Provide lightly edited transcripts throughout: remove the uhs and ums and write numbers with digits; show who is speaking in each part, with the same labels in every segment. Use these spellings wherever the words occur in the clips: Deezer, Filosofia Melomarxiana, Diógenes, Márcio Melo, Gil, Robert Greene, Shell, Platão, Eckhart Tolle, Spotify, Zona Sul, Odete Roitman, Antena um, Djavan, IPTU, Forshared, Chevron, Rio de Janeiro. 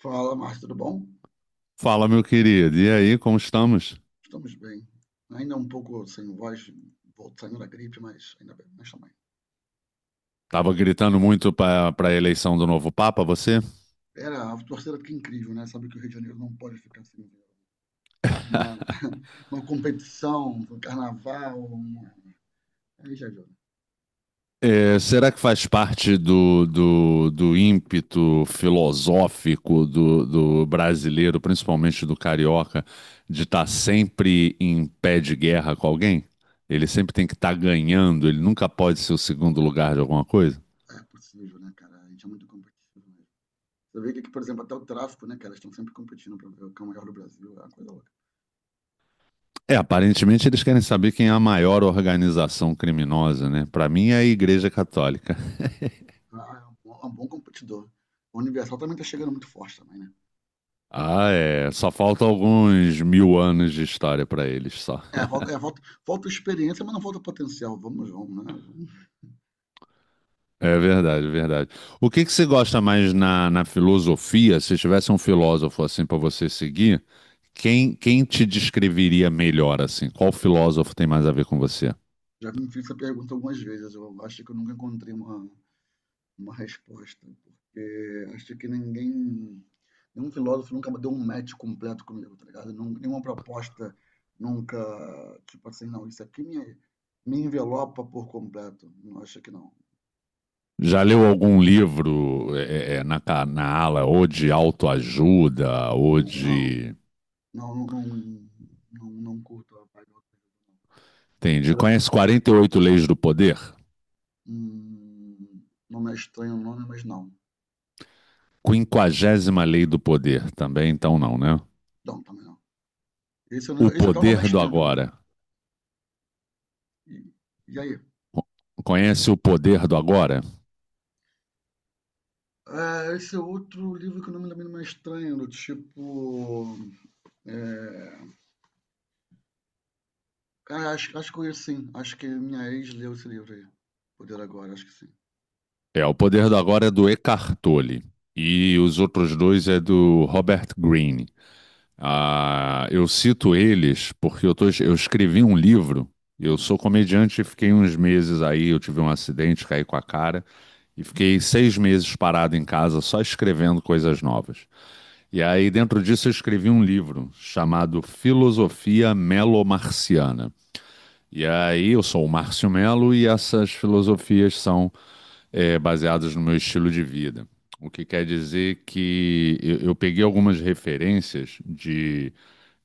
Speaker 1: Fala, Márcio, tudo bom?
Speaker 2: Fala, meu querido. E aí, como estamos?
Speaker 1: Estamos bem. Ainda um pouco sem voz, saindo da gripe, mas ainda bem, mas também.
Speaker 2: Tava gritando muito para a eleição do novo Papa, você?
Speaker 1: Era, a torcida fica incrível, né? Sabe que o Rio de Janeiro não pode ficar sem ver uma, uma competição, um carnaval, aí já viu, né?
Speaker 2: Será que faz parte do ímpeto filosófico do brasileiro, principalmente do carioca, de estar sempre em pé de guerra com alguém? Ele sempre tem que estar ganhando, ele nunca pode ser o segundo lugar de alguma coisa?
Speaker 1: É possível, né, cara? A gente é muito competitivo mesmo. Você vê que, aqui, por exemplo, até o tráfico, né, cara? Eles estão sempre competindo para ver o que é o maior do Brasil, é uma coisa louca.
Speaker 2: É, aparentemente eles querem saber quem é a maior organização criminosa, né? Para mim é a Igreja Católica.
Speaker 1: Ah, é um bom competidor. O Universal também tá chegando muito forte também, né?
Speaker 2: Ah, é. Só falta alguns mil anos de história para eles, só.
Speaker 1: É, falta experiência, mas não falta potencial. Vamos, vamos, né? Vamos.
Speaker 2: É verdade, é verdade. O que que você gosta mais na filosofia? Se tivesse um filósofo assim para você seguir, quem te descreveria melhor assim? Qual filósofo tem mais a ver com você?
Speaker 1: Já me fiz essa pergunta algumas vezes, eu acho que eu nunca encontrei uma resposta, porque acho que ninguém, nenhum filósofo nunca deu um match completo comigo, tá ligado? Nenhuma proposta nunca, tipo assim, não, isso aqui me envelopa por completo, não acho que não.
Speaker 2: Já leu algum livro na ala ou de autoajuda ou
Speaker 1: Uhum.
Speaker 2: de...
Speaker 1: Não, não, não, não, não, não curto a vibe.
Speaker 2: Entendi. Conhece 48 Leis do Poder?
Speaker 1: Hum, Nome é estranho o nome, mas não.
Speaker 2: Quinquagésima Lei do Poder também, então não, né?
Speaker 1: Não, também não. Esse, eu
Speaker 2: O
Speaker 1: não- esse não, até o nome
Speaker 2: Poder
Speaker 1: é
Speaker 2: do
Speaker 1: estranho também.
Speaker 2: Agora.
Speaker 1: E, e aí?
Speaker 2: Conhece O Poder do Agora?
Speaker 1: Ah, esse é outro livro que o nome também não é estranho, do tipo. É... Ah, acho que conheço, sim. Acho que minha ex leu esse livro aí. Poder Agora, acho que sim.
Speaker 2: É, O Poder do Agora é do Eckhart Tolle e os outros dois é do Robert Greene. Ah, eu cito eles porque eu escrevi um livro, eu
Speaker 1: Hum,
Speaker 2: sou comediante e fiquei uns meses aí, eu tive um acidente, caí com a cara e fiquei seis meses parado em casa só escrevendo coisas novas. E aí dentro disso eu escrevi um livro chamado Filosofia Melomarxiana. E aí, eu sou o Márcio Melo e essas filosofias são baseadas no meu estilo de vida. O que quer dizer que eu peguei algumas referências de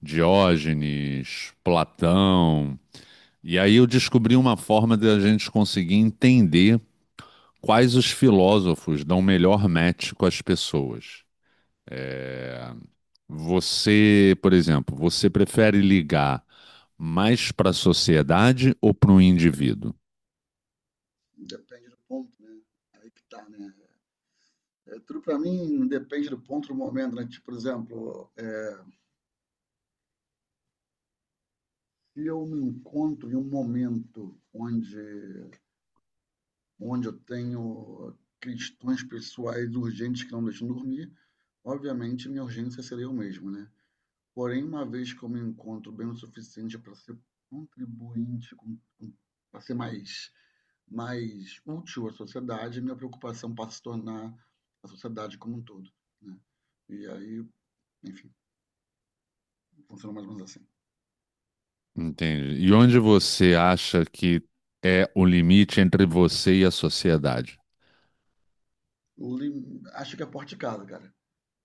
Speaker 2: Diógenes, Platão, e aí eu descobri uma forma de a gente conseguir entender quais os filósofos dão melhor match com as pessoas. Você, por exemplo, você prefere ligar mais para a sociedade ou para o indivíduo?
Speaker 1: Depende do ponto, né? Aí que tá, né? É, tudo pra mim depende do ponto do momento, né? Tipo, por exemplo, se eu me encontro em um momento onde eu tenho questões pessoais urgentes que não deixam dormir, obviamente minha urgência seria eu mesmo, né? Porém, uma vez que eu me encontro bem o suficiente para ser contribuinte, para ser mais útil à sociedade, minha preocupação passa a se tornar a sociedade como um todo. Né? E aí, enfim, funciona mais ou menos assim.
Speaker 2: Entendi. E onde você acha que é o limite entre você e a sociedade?
Speaker 1: Acho que é a porta de casa, cara.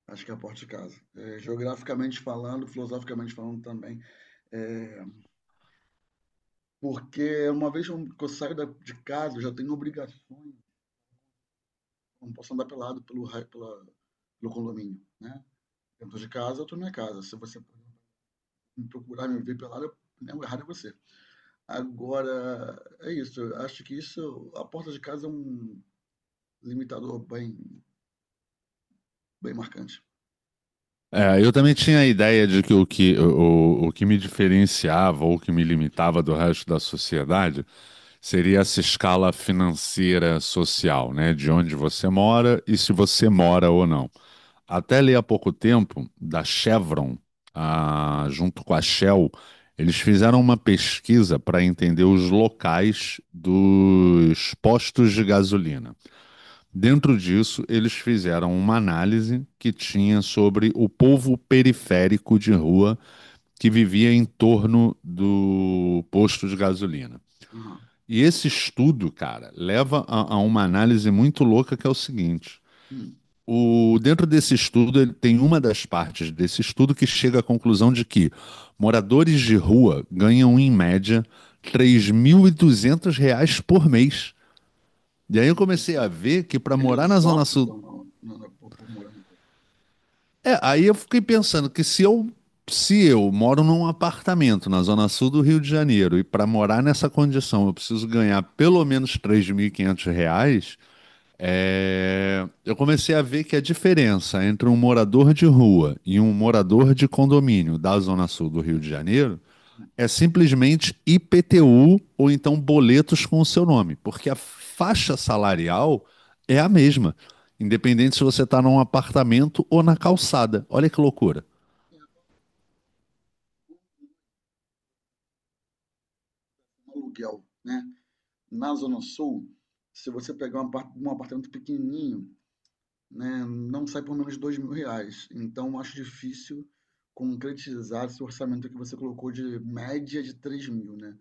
Speaker 1: Acho que é a porta de casa. É, geograficamente falando, filosoficamente falando também. É, porque uma vez que eu saio de casa, eu já tenho obrigações. Eu Não posso andar pelado pelo condomínio, né? Dentro de casa, eu tô na minha casa. Se você me procurar, me ver pelado, né, o errado é você. Agora, é isso. Eu acho que isso, a porta de casa é um limitador bem marcante.
Speaker 2: É, eu também tinha a ideia de que o que me diferenciava ou que me limitava do resto da sociedade seria essa escala financeira social, né? De onde você mora e se você mora ou não. Até ali há pouco tempo, da Chevron, ah, junto com a Shell, eles fizeram uma pesquisa para entender os locais dos postos de gasolina. Dentro disso, eles fizeram uma análise que tinha sobre o povo periférico de rua que vivia em torno do posto de gasolina.
Speaker 1: Aham.
Speaker 2: E esse estudo, cara, leva a uma análise muito louca que é o seguinte.
Speaker 1: Hum.
Speaker 2: Dentro desse estudo, ele tem uma das partes desse estudo que chega à conclusão de que moradores de rua ganham, em média, 3.200 reais reais por mês. E aí eu comecei a
Speaker 1: Interessante.
Speaker 2: ver que para morar na
Speaker 1: Eles
Speaker 2: Zona Sul.
Speaker 1: optam por morar no
Speaker 2: É, aí eu fiquei pensando que se eu moro num apartamento na Zona Sul do Rio de Janeiro e para morar nessa condição eu preciso ganhar pelo menos 3.500 reais. É, eu comecei a ver que a diferença entre um morador de rua e um morador de condomínio da Zona Sul do Rio de Janeiro
Speaker 1: hum.
Speaker 2: é simplesmente IPTU ou então boletos com o seu nome, porque a faixa salarial é a mesma, independente se você está num apartamento ou na calçada. Olha que loucura.
Speaker 1: É, um aluguel, né? Na Zona Sul, se você pegar um um apartamento pequenininho, né, não sai por menos de R$ 2.000. Então, acho difícil concretizar esse orçamento que você colocou de média de 3.000, né?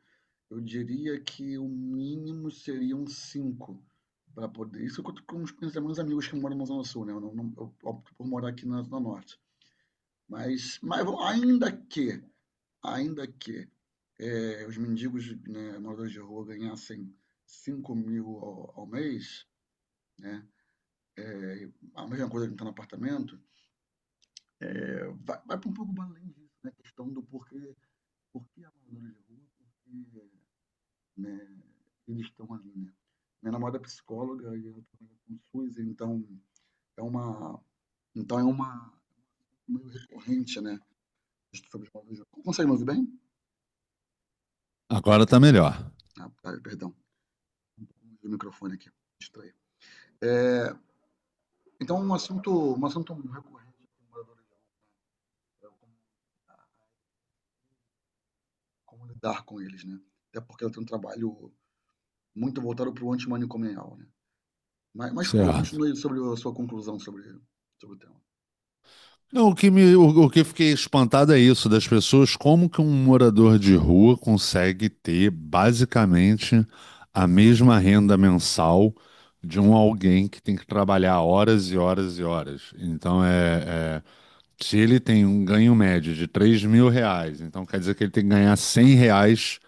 Speaker 1: Eu diria que o mínimo seriam 5 para poder. Isso eu com os meus amigos que moram na Zona Sul, né? Eu, não, eu opto por morar aqui na Zona Norte. Mas, ainda que os mendigos, né, moradores de rua ganhassem 5.000 ao mês, né? A mesma coisa que está no apartamento, vai para um pouco além disso, né? A questão do porquê, porquê a moradores de rua, porquê, né, eles estão ali, né? Minha namorada é psicóloga e ela trabalha com SUS, então é uma, é uma meio recorrente, né? Sobre os móveis. Consegue me ouvir bem?
Speaker 2: Agora tá melhor.
Speaker 1: Ah, tá, perdão, o microfone aqui, distraí. É, então um assunto recorrente com moradores de rua, é como lidar com eles, né? Até porque eu tenho um trabalho muito voltado para o antimanicomial, né? Mas, por favor,
Speaker 2: Certo.
Speaker 1: continue sobre a sua conclusão sobre o tema.
Speaker 2: Não, o que eu fiquei espantado é isso, das pessoas, como que um morador de rua consegue ter basicamente a mesma renda mensal de um alguém que tem que trabalhar horas e horas e horas. Então se ele tem um ganho médio de 3.000 reais, então quer dizer que ele tem que ganhar 100 reais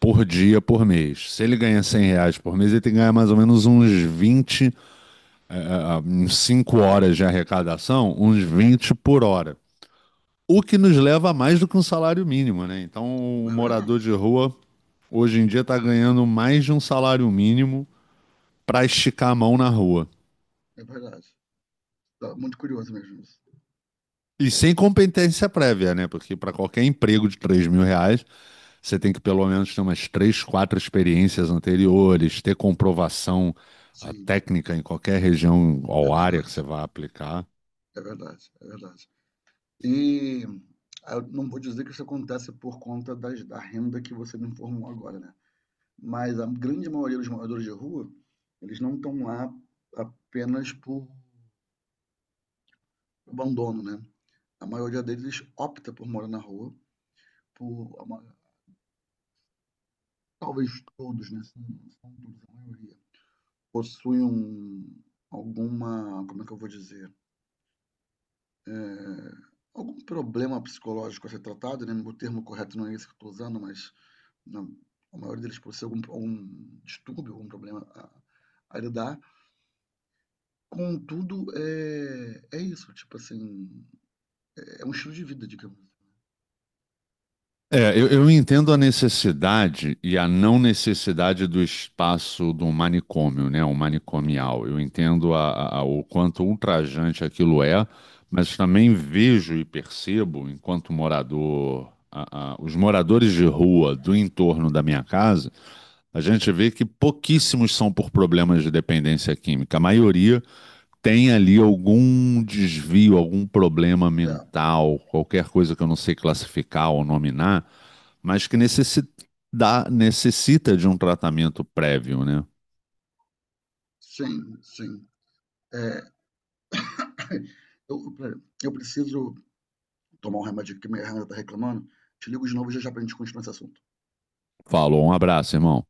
Speaker 2: por dia, por mês. Se ele ganha 100 reais por mês, ele tem que ganhar mais ou menos uns 20, uns 5 horas de arrecadação, uns 20 por hora. O que nos leva a mais do que um salário mínimo, né? Então, o
Speaker 1: É verdade,
Speaker 2: morador de rua hoje em dia está ganhando mais de um salário mínimo para esticar a mão na rua.
Speaker 1: é verdade. Tá muito curioso mesmo isso.
Speaker 2: E sem competência prévia, né? Porque para qualquer emprego de 3.000 reais, você tem que pelo menos ter umas 3, 4 experiências anteriores, ter comprovação
Speaker 1: Sim.
Speaker 2: técnica em qualquer região
Speaker 1: É
Speaker 2: ou área que
Speaker 1: verdade,
Speaker 2: você vá aplicar.
Speaker 1: é verdade, é verdade. E eu não vou dizer que isso acontece por conta da renda que você me informou agora, né? Mas a grande maioria dos moradores de rua, eles não estão lá apenas por abandono, né? A maioria deles opta por morar na rua, por a ma- talvez todos, né? Se não todos, a maioria possuem alguma, como é que eu vou dizer? É, algum problema psicológico a ser tratado, né? O termo correto não é esse que eu estou usando, mas não, o maior deles por ser algum, distúrbio, algum problema a lidar. Contudo, é isso, tipo assim, é um estilo de vida, digamos.
Speaker 2: É, eu entendo a necessidade e a não necessidade do espaço do manicômio, né? O manicomial. Eu entendo o quanto ultrajante aquilo é, mas também vejo e percebo, enquanto morador, os moradores de rua do entorno da minha casa, a gente vê que pouquíssimos são por problemas de dependência química. A maioria tem ali algum desvio, algum problema
Speaker 1: É,
Speaker 2: mental, qualquer coisa que eu não sei classificar ou nominar, mas que necessita de um tratamento prévio, né?
Speaker 1: sim, sim. É, eu, eu preciso tomar um remédio que minha irmã tá reclamando. Te ligo de novo já já pra gente continuar esse assunto.
Speaker 2: Falou, um abraço, irmão.